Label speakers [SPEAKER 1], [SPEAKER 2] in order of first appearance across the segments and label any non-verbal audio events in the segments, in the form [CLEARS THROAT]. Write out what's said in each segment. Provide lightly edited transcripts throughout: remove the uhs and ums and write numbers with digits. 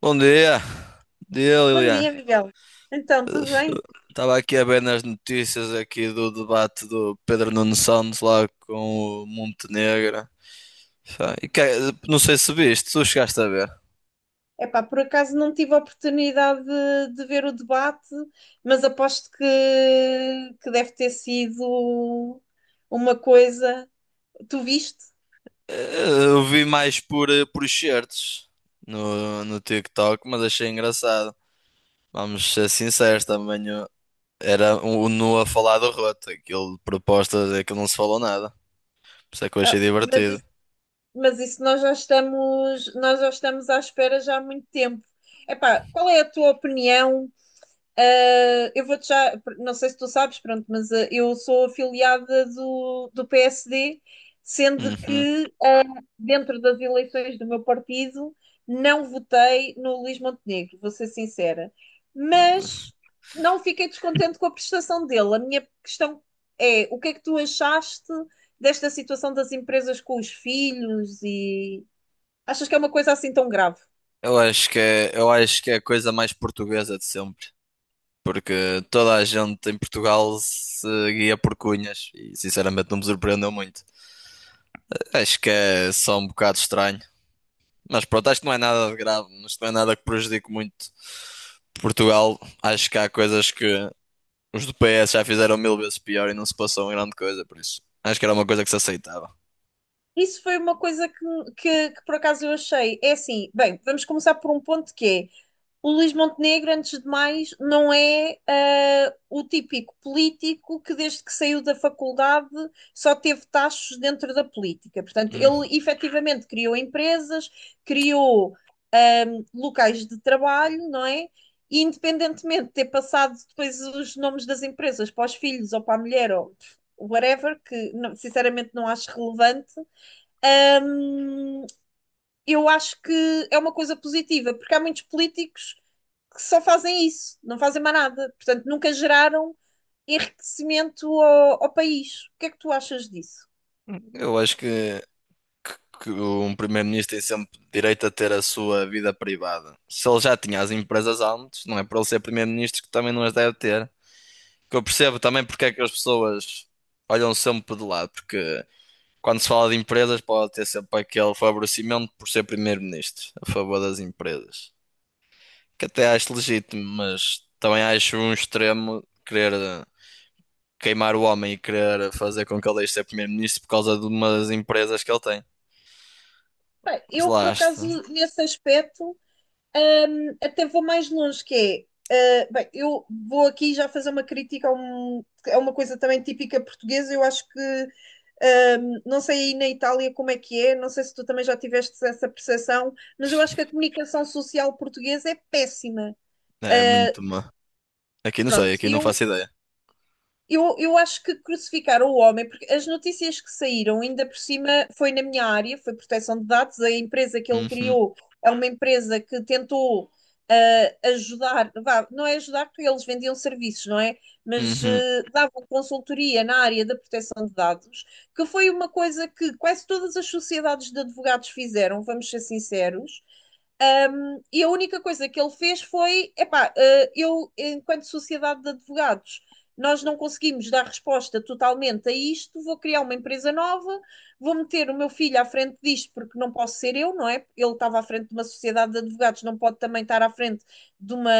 [SPEAKER 1] Bom dia, bom dia
[SPEAKER 2] Bom
[SPEAKER 1] Lilian.
[SPEAKER 2] dia, Miguel. Então, tudo bem?
[SPEAKER 1] Estava aqui a ver nas notícias aqui do debate do Pedro Nuno Santos lá com o Montenegro. Pá, não sei se viste, tu chegaste a ver.
[SPEAKER 2] Epá, por acaso não tive a oportunidade de ver o debate, mas aposto que deve ter sido uma coisa. Tu viste?
[SPEAKER 1] Eu vi mais por, por excertos no TikTok, mas achei engraçado. Vamos ser sinceros, era o Nu a falar do roto. Aquilo de propostas é que não se falou nada. Por isso é que eu achei
[SPEAKER 2] Ah, mas,
[SPEAKER 1] divertido.
[SPEAKER 2] isso, mas isso nós já estamos à espera já há muito tempo. Epá, qual é a tua opinião? Eu vou-te já, não sei se tu sabes, pronto, mas eu sou afiliada do PSD, sendo
[SPEAKER 1] Uhum.
[SPEAKER 2] que dentro das eleições do meu partido não votei no Luís Montenegro, vou ser sincera. Mas não fiquei descontente com a prestação dele. A minha questão é: o que é que tu achaste desta situação das empresas com os filhos e achas que é uma coisa assim tão grave?
[SPEAKER 1] Eu acho que é a coisa mais portuguesa de sempre, porque toda a gente em Portugal se guia por cunhas e sinceramente não me surpreendeu muito. Acho que é só um bocado estranho, mas pronto, acho que não é nada de grave, isto não é nada que prejudique muito Portugal. Acho que há coisas que os do PS já fizeram mil vezes pior e não se passou em grande coisa, por isso acho que era uma coisa que se aceitava.
[SPEAKER 2] Isso foi uma coisa que por acaso eu achei. É assim, bem, vamos começar por um ponto que é o Luís Montenegro, antes de mais, não é o típico político que, desde que saiu da faculdade, só teve tachos dentro da política. Portanto,
[SPEAKER 1] Hum.
[SPEAKER 2] ele efetivamente criou empresas, criou locais de trabalho, não é? E independentemente de ter passado depois os nomes das empresas para os filhos ou para a mulher ou whatever, que não- sinceramente não acho relevante, hum, eu acho que é uma coisa positiva, porque há muitos políticos que só fazem isso, não fazem mais nada. Portanto, nunca geraram enriquecimento ao país. O que é que tu achas disso?
[SPEAKER 1] Eu acho que um primeiro-ministro tem sempre direito a ter a sua vida privada. Se ele já tinha as empresas antes, não é para ele ser primeiro-ministro que também não as deve ter. Que eu percebo também porque é que as pessoas olham sempre de lado, porque quando se fala de empresas pode ter sempre aquele favorecimento por ser primeiro-ministro a favor das empresas. Que até acho legítimo, mas também acho um extremo querer queimar o homem e querer fazer com que ele deixe de ser primeiro-ministro por causa de umas empresas que ele tem.
[SPEAKER 2] Bem,
[SPEAKER 1] Mas
[SPEAKER 2] eu, por
[SPEAKER 1] lá
[SPEAKER 2] acaso,
[SPEAKER 1] está.
[SPEAKER 2] nesse aspecto, até vou mais longe, que é bem, eu vou aqui já fazer uma crítica a uma coisa também típica portuguesa. Eu acho que não sei aí na Itália como é que é, não sei se tu também já tiveste essa percepção, mas eu acho que a comunicação social portuguesa é péssima.
[SPEAKER 1] É muito
[SPEAKER 2] Uh,
[SPEAKER 1] má. Aqui não sei,
[SPEAKER 2] Pronto,
[SPEAKER 1] aqui não
[SPEAKER 2] eu
[SPEAKER 1] faço ideia.
[SPEAKER 2] eu, eu acho que crucificaram o homem, porque as notícias que saíram, ainda por cima, foi na minha área, foi proteção de dados. A empresa que ele
[SPEAKER 1] Uhum,
[SPEAKER 2] criou é uma empresa que tentou ajudar, vá, não é ajudar porque eles vendiam serviços, não é? Mas
[SPEAKER 1] uhum,
[SPEAKER 2] davam consultoria na área da proteção de dados, que foi uma coisa que quase todas as sociedades de advogados fizeram, vamos ser sinceros. Ah, e a única coisa que ele fez foi: epá, eu, enquanto sociedade de advogados, nós não conseguimos dar resposta totalmente a isto, vou criar uma empresa nova, vou meter o meu filho à frente disto, porque não posso ser eu, não é? Ele estava à frente de uma sociedade de advogados, não pode também estar à frente de uma,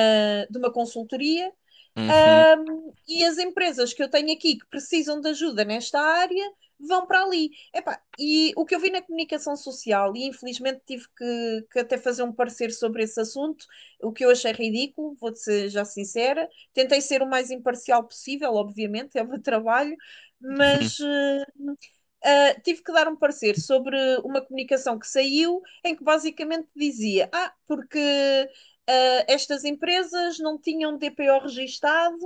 [SPEAKER 2] de uma consultoria,
[SPEAKER 1] uhum,
[SPEAKER 2] e as empresas que eu tenho aqui que precisam de ajuda nesta área vão para ali. Epá, e o que eu vi na comunicação social, e infelizmente tive que até fazer um parecer sobre esse assunto, o que eu achei ridículo, vou ser já sincera. Tentei ser o mais imparcial possível, obviamente, é o meu trabalho,
[SPEAKER 1] uhum.
[SPEAKER 2] mas. Tive que dar um parecer sobre uma comunicação que saiu em que basicamente dizia: Ah, porque estas empresas não tinham DPO registado,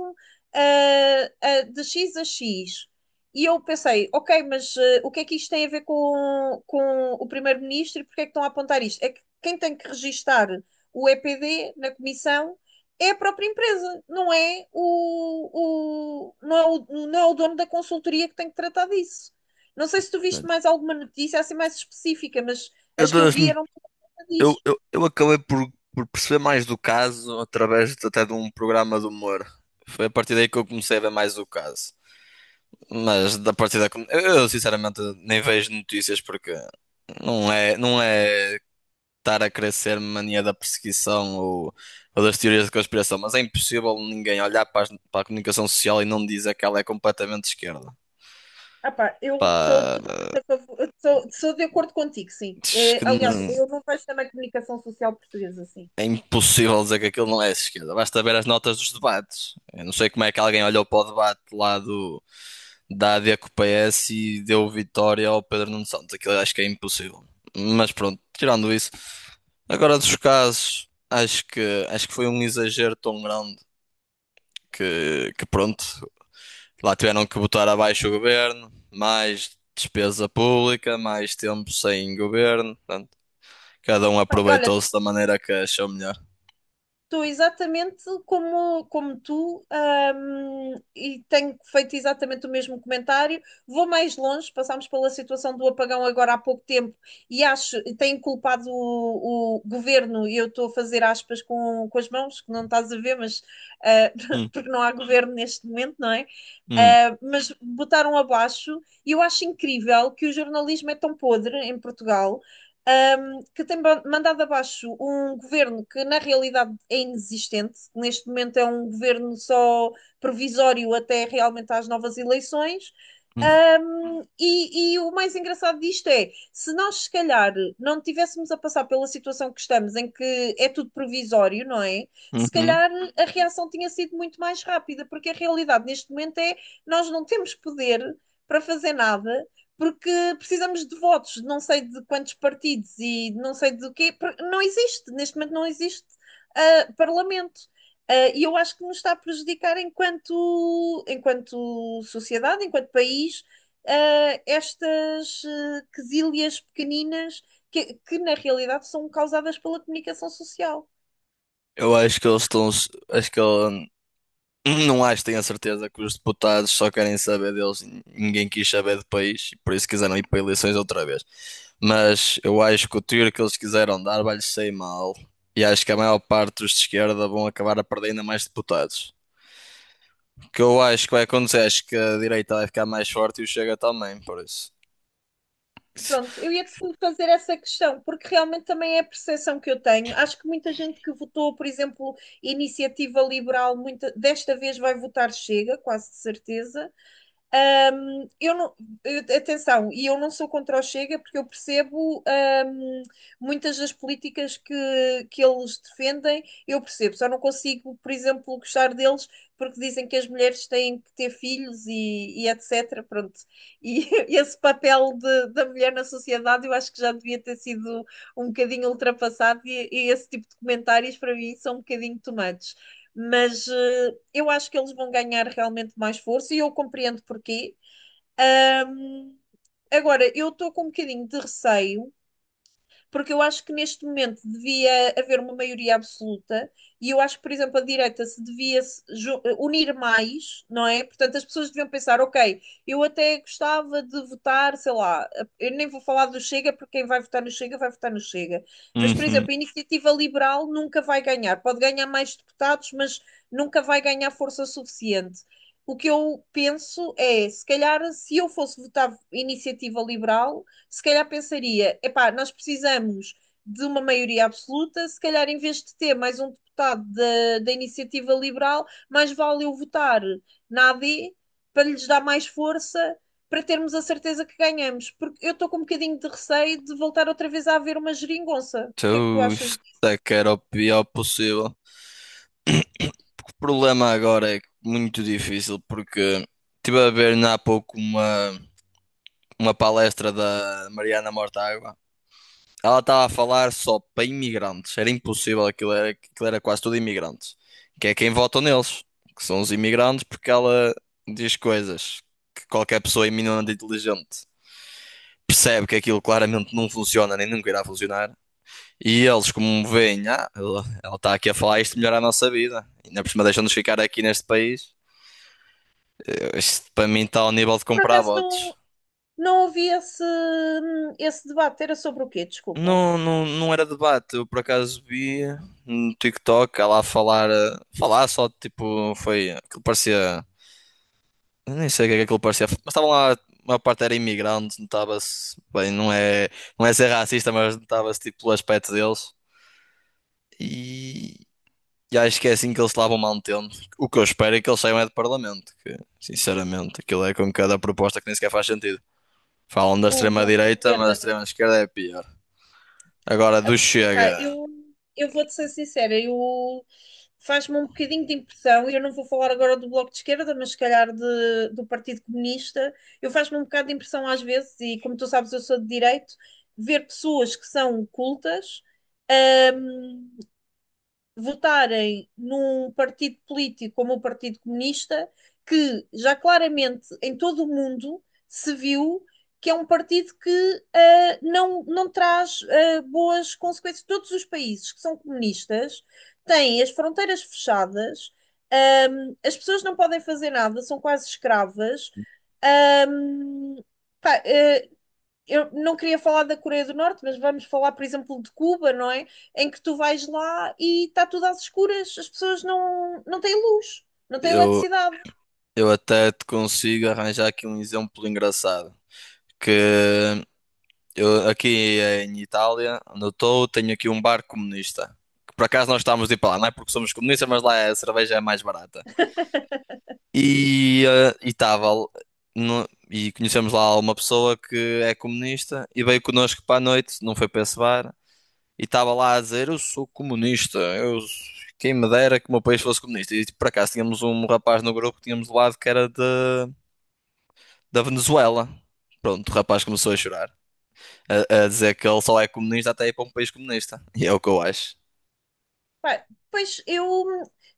[SPEAKER 2] de X a X. E eu pensei, ok, mas o que é que isto tem a ver com o primeiro-ministro e porque é que estão a apontar isto? É que quem tem que registar o EPD na comissão é a própria empresa, não é o dono da consultoria que tem que tratar disso. Não sei se tu viste mais alguma notícia assim mais específica, mas
[SPEAKER 1] Eu,
[SPEAKER 2] as que eu
[SPEAKER 1] das-
[SPEAKER 2] vi eram
[SPEAKER 1] eu,
[SPEAKER 2] disso.
[SPEAKER 1] eu, eu acabei por perceber mais do caso até de um programa de humor. Foi a partir daí que eu comecei a ver mais o caso. Mas da partir da. Sinceramente nem vejo notícias porque não é estar a crescer mania da perseguição ou das teorias de conspiração, mas é impossível ninguém olhar para, para a comunicação social e não dizer que ela é completamente de esquerda.
[SPEAKER 2] Ah pá, eu sou
[SPEAKER 1] Pá,
[SPEAKER 2] totalmente a favor, eu sou de acordo contigo, sim.
[SPEAKER 1] Diz que
[SPEAKER 2] É, aliás,
[SPEAKER 1] não-
[SPEAKER 2] eu não vejo também a comunicação social portuguesa assim.
[SPEAKER 1] é impossível dizer que aquilo não é de esquerda. Basta ver as notas dos debates. Eu não sei como é que alguém olhou para o debate da AD com o PS e deu vitória ao Pedro Nuno Santos. Aquilo eu acho que é impossível. Mas pronto, tirando isso. Agora dos casos, acho que foi um exagero tão grande que pronto, lá tiveram que botar abaixo o governo, mais despesa pública, mais tempo sem governo. Portanto, cada um
[SPEAKER 2] Bem, olha,
[SPEAKER 1] aproveitou-se da maneira que achou melhor.
[SPEAKER 2] estou exatamente como tu, e tenho feito exatamente o mesmo comentário. Vou mais longe, passámos pela situação do apagão agora há pouco tempo e acho, e tenho culpado o governo, e eu estou a fazer aspas com as mãos, que não estás a ver, mas ah, [LAUGHS] porque não há governo neste momento, não é?
[SPEAKER 1] Hum,
[SPEAKER 2] Mas botaram abaixo, e eu acho incrível que o jornalismo é tão podre em Portugal, que tem mandado abaixo um governo que na realidade é inexistente, que neste momento é um governo só provisório até realmente às novas eleições.
[SPEAKER 1] hum,
[SPEAKER 2] E o mais engraçado disto é, se nós se calhar não tivéssemos a passar pela situação que estamos, em que é tudo provisório, não é? Se
[SPEAKER 1] uhum.
[SPEAKER 2] calhar a reação tinha sido muito mais rápida, porque a realidade neste momento é nós não temos poder para fazer nada porque precisamos de votos, de não sei de quantos partidos e de não sei do quê, porque não existe, neste momento não existe parlamento. E eu acho que nos está a prejudicar enquanto sociedade, enquanto país, estas quesilhas pequeninas que na realidade são causadas pela comunicação social.
[SPEAKER 1] Eu acho que eles estão. Acho que ele, [CLEARS THROAT] não acho, tenho a certeza que os deputados só querem saber deles. Ninguém quis saber do país, e por isso quiseram ir para eleições outra vez. Mas eu acho que o tiro que eles quiseram dar vai-lhes sair mal. E acho que a maior parte dos de esquerda vão acabar a perder ainda mais deputados. O que eu acho que vai acontecer, acho que a direita vai ficar mais forte e o Chega também, por isso.
[SPEAKER 2] Pronto, eu ia-te fazer essa questão, porque realmente também é a percepção que eu tenho. Acho que muita gente que votou, por exemplo, Iniciativa Liberal, muita, desta vez vai votar Chega, quase de certeza. Eu não, atenção, e eu não sou contra o Chega porque eu percebo, muitas das políticas que eles defendem, eu percebo, só não consigo, por exemplo, gostar deles porque dizem que as mulheres têm que ter filhos e etc. Pronto. E [LAUGHS] esse papel da mulher na sociedade eu acho que já devia ter sido um bocadinho ultrapassado e esse tipo de comentários para mim são um bocadinho tomados, mas eu acho que eles vão ganhar realmente mais força e eu compreendo porquê. Agora, eu estou com um bocadinho de receio porque eu acho que neste momento devia haver uma maioria absoluta e eu acho que, por exemplo, a direita se devia se ju- unir mais, não é? Portanto, as pessoas deviam pensar, ok, eu até gostava de votar, sei lá, eu nem vou falar do Chega, porque quem vai votar no Chega vai votar no Chega. Mas, por
[SPEAKER 1] Uhum.
[SPEAKER 2] exemplo, a Iniciativa Liberal nunca vai ganhar, pode ganhar mais deputados, mas nunca vai ganhar força suficiente. O que eu penso é, se calhar, se eu fosse votar Iniciativa Liberal, se calhar pensaria: epá, nós precisamos de uma maioria absoluta, se calhar em vez de ter mais um deputado da Iniciativa Liberal, mais vale eu votar na A D para lhes dar mais força para termos a certeza que ganhamos, porque eu estou com um bocadinho de receio de voltar outra vez a haver uma geringonça. O que é que tu
[SPEAKER 1] Então,
[SPEAKER 2] achas?
[SPEAKER 1] isto é que era o pior possível. Problema agora é muito difícil porque estive a ver há pouco uma palestra da Mariana Mortágua. Ela estava a falar só para imigrantes. Era impossível, aquilo era quase tudo imigrantes. Que é quem vota neles, que são os imigrantes, porque ela diz coisas que qualquer pessoa minimamente inteligente percebe que aquilo claramente não funciona nem nunca irá funcionar. E eles, como veem, ah, ela está aqui a falar isto melhora a nossa vida. Ainda por cima deixam-nos ficar aqui neste país. Isto para mim está ao nível de
[SPEAKER 2] Por
[SPEAKER 1] comprar
[SPEAKER 2] acaso
[SPEAKER 1] bots.
[SPEAKER 2] não. Não ouvi esse, debate. Era sobre o quê? Desculpa.
[SPEAKER 1] Não, não, não era debate. Eu por acaso vi no TikTok ela a falar, falar só tipo, foi aquilo parecia. Eu nem sei o que é que aquilo parecia, mas estavam lá, a maior parte era imigrante, notava-se, bem, não é, não é ser racista, mas notava-se tipo pelo aspecto deles. E, e acho que é assim que eles se lá vão mantendo. O que eu espero é que eles saiam é de parlamento, que sinceramente aquilo é com cada proposta que nem sequer faz sentido. Falam da
[SPEAKER 2] O Bloco de
[SPEAKER 1] extrema-direita, mas a
[SPEAKER 2] Esquerda.
[SPEAKER 1] extrema-esquerda é pior. Agora do
[SPEAKER 2] Epá,
[SPEAKER 1] Chega,
[SPEAKER 2] eu vou-te ser sincera, eu faz-me um bocadinho de impressão, e eu não vou falar agora do Bloco de Esquerda, mas se calhar do Partido Comunista, eu faz-me um bocado de impressão às vezes, e como tu sabes, eu sou de direito, ver pessoas que são cultas. hum, Votarem num partido político como o Partido Comunista, que já claramente em todo o mundo se viu que é um partido que não, não traz boas consequências. Todos os países que são comunistas têm as fronteiras fechadas, as pessoas não podem fazer nada, são quase escravas. ahm, Pá, eu não queria falar da Coreia do Norte, mas vamos falar, por exemplo, de Cuba, não é? Em que tu vais lá e está tudo às escuras, as pessoas não, não têm luz, não têm
[SPEAKER 1] eu,
[SPEAKER 2] eletricidade.
[SPEAKER 1] eu até te consigo arranjar aqui um exemplo engraçado. Que eu aqui em Itália, onde eu estou, tenho aqui um bar comunista. Que por acaso nós estávamos de ir para lá, não é porque somos comunistas, mas lá a cerveja é mais barata. E e conhecemos lá uma pessoa que é comunista e veio connosco para a noite, não foi para esse bar. E estava lá a dizer: eu sou comunista, quem me dera que o meu país fosse comunista. E tipo, por acaso tínhamos um rapaz no grupo que tínhamos do lado que era da Venezuela. Pronto, o rapaz começou a chorar, a dizer que ele só é comunista até ir para um país comunista. E é o que eu acho.
[SPEAKER 2] Pá, pois eu,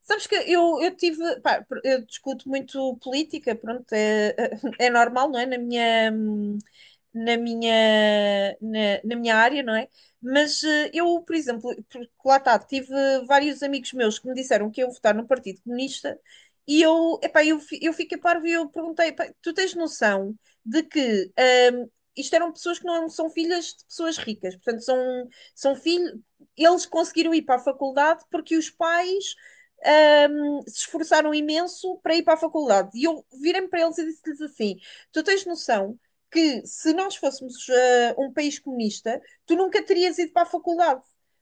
[SPEAKER 2] sabes que eu tive, pá, eu discuto muito política, pronto, é, [LAUGHS] é normal, não é? Na minha, na minha área, não é? Mas eu, por exemplo, porque lá está, tive vários amigos meus que me disseram que iam votar no Partido Comunista e eu, epá, eu fiquei parvo e eu perguntei, "Pá, tu tens noção de que hum, isto eram pessoas que não são filhas de pessoas ricas, portanto, são filhos, eles conseguiram ir para a faculdade porque os pais se esforçaram imenso para ir para a faculdade. E eu virei-me para eles e disse-lhes assim: Tu tens noção que se nós fôssemos um país comunista, tu nunca terias ido para a faculdade,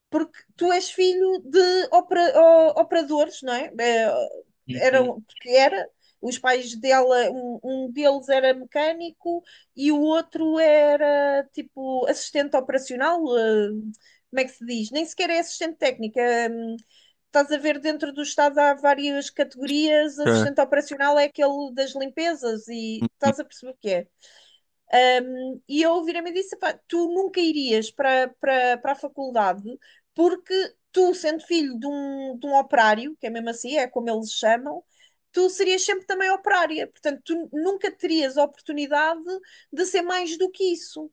[SPEAKER 2] porque tu és filho de operadores, não é?
[SPEAKER 1] Uhum.
[SPEAKER 2] Eram, porque era. Os pais dela, um deles era mecânico e o outro era tipo assistente operacional, como é que se diz? Nem sequer é assistente técnica. hum, Estás a ver dentro do Estado há várias categorias,
[SPEAKER 1] É.
[SPEAKER 2] assistente operacional é aquele das limpezas e estás a perceber o que é. E eu virei-me e disse: "Pá, tu nunca irias para a faculdade porque tu, sendo filho de um operário, que é mesmo assim, é como eles chamam, tu serias sempre também operária. Portanto, tu nunca terias a oportunidade de ser mais do que isso.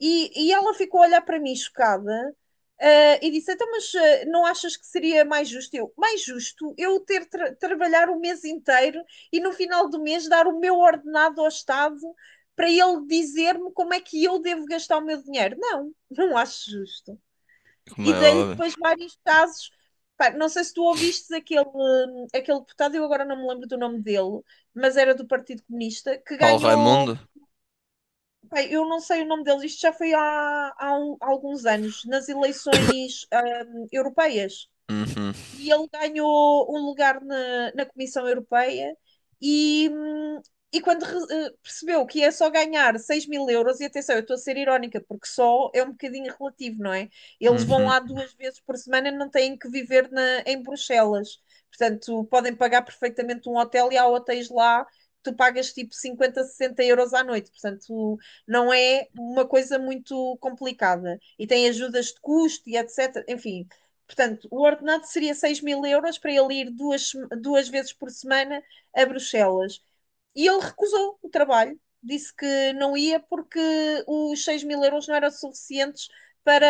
[SPEAKER 2] E ela ficou a olhar para mim chocada. E disse, então, mas não achas que seria mais justo? Eu, mais justo eu ter trabalhar o mês inteiro e no final do mês dar o meu ordenado ao Estado para ele dizer-me como é que eu devo gastar o meu dinheiro. Não, não acho justo.
[SPEAKER 1] Como
[SPEAKER 2] E
[SPEAKER 1] é
[SPEAKER 2] dei-lhe
[SPEAKER 1] óbvio.
[SPEAKER 2] depois vários casos. Pá, não sei se tu ouviste aquele, deputado, eu agora não me lembro do nome dele, mas era do Partido Comunista, que
[SPEAKER 1] Paulo
[SPEAKER 2] ganhou.
[SPEAKER 1] Raimundo?
[SPEAKER 2] Pá, eu não sei o nome dele, isto já foi há alguns anos, nas eleições europeias
[SPEAKER 1] Uhum,
[SPEAKER 2] e ele ganhou um lugar na Comissão Europeia e, hum, e quando percebeu que ia só ganhar 6000 euros, e atenção, eu estou a ser irónica, porque só é um bocadinho relativo, não é? Eles vão
[SPEAKER 1] uhum,
[SPEAKER 2] lá duas vezes por semana, não têm que viver na, em Bruxelas. Portanto, podem pagar perfeitamente um hotel e há hotéis lá que tu pagas tipo 50, 60 euros à noite. Portanto, não é uma coisa muito complicada. E tem ajudas de custo e etc. Enfim, portanto, o ordenado seria 6000 euros para ele ir duas vezes por semana a Bruxelas. E ele recusou o trabalho, disse que não ia porque os 6000 euros não eram suficientes para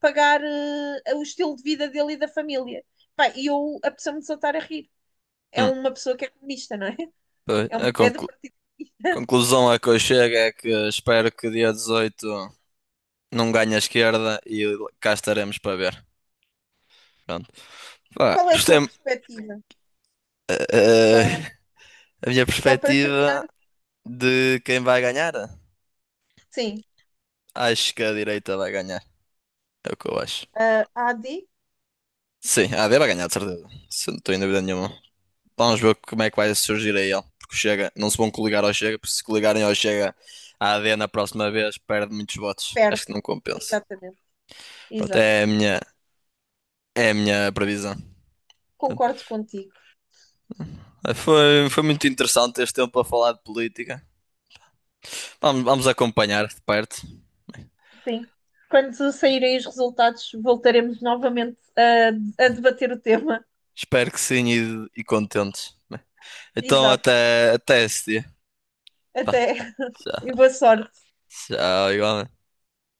[SPEAKER 2] pagar o estilo de vida dele e da família. Pá, e eu apeteceu-me desatar a rir. É
[SPEAKER 1] uhum.
[SPEAKER 2] uma pessoa que é comunista, não é?
[SPEAKER 1] Pois,
[SPEAKER 2] É, um, é do partido.
[SPEAKER 1] Conclusão a que eu chego é que espero que dia 18 não ganhe a esquerda e cá estaremos para ver. Pronto. Pá,
[SPEAKER 2] Qual é a tua
[SPEAKER 1] gostei.
[SPEAKER 2] perspectiva?
[SPEAKER 1] Eh,
[SPEAKER 2] Só,
[SPEAKER 1] a minha
[SPEAKER 2] só para terminar,
[SPEAKER 1] perspectiva de quem vai ganhar?
[SPEAKER 2] sim,
[SPEAKER 1] Acho que a direita vai ganhar. É o que eu acho.
[SPEAKER 2] a AD
[SPEAKER 1] Sim, a AD vai ganhar, de certeza. Isso não estou em dúvida nenhuma. Vamos ver como é que vai surgir aí ele. Porque o Chega, não se vão coligar ao Chega, porque se coligarem ao Chega, a AD na próxima vez perde muitos votos.
[SPEAKER 2] perde.
[SPEAKER 1] Acho que não compensa.
[SPEAKER 2] Exatamente,
[SPEAKER 1] Pronto,
[SPEAKER 2] exato.
[SPEAKER 1] é a minha previsão. Pronto.
[SPEAKER 2] Concordo contigo.
[SPEAKER 1] Foi muito interessante este tempo a falar de política. Vamos acompanhar de perto.
[SPEAKER 2] Sim. Quando saírem os resultados, voltaremos novamente a debater o tema.
[SPEAKER 1] Espero que sim e contentes. Então
[SPEAKER 2] Exato.
[SPEAKER 1] até esse dia. Tá.
[SPEAKER 2] Até e
[SPEAKER 1] Tchau,
[SPEAKER 2] boa sorte.
[SPEAKER 1] tchau, igualmente.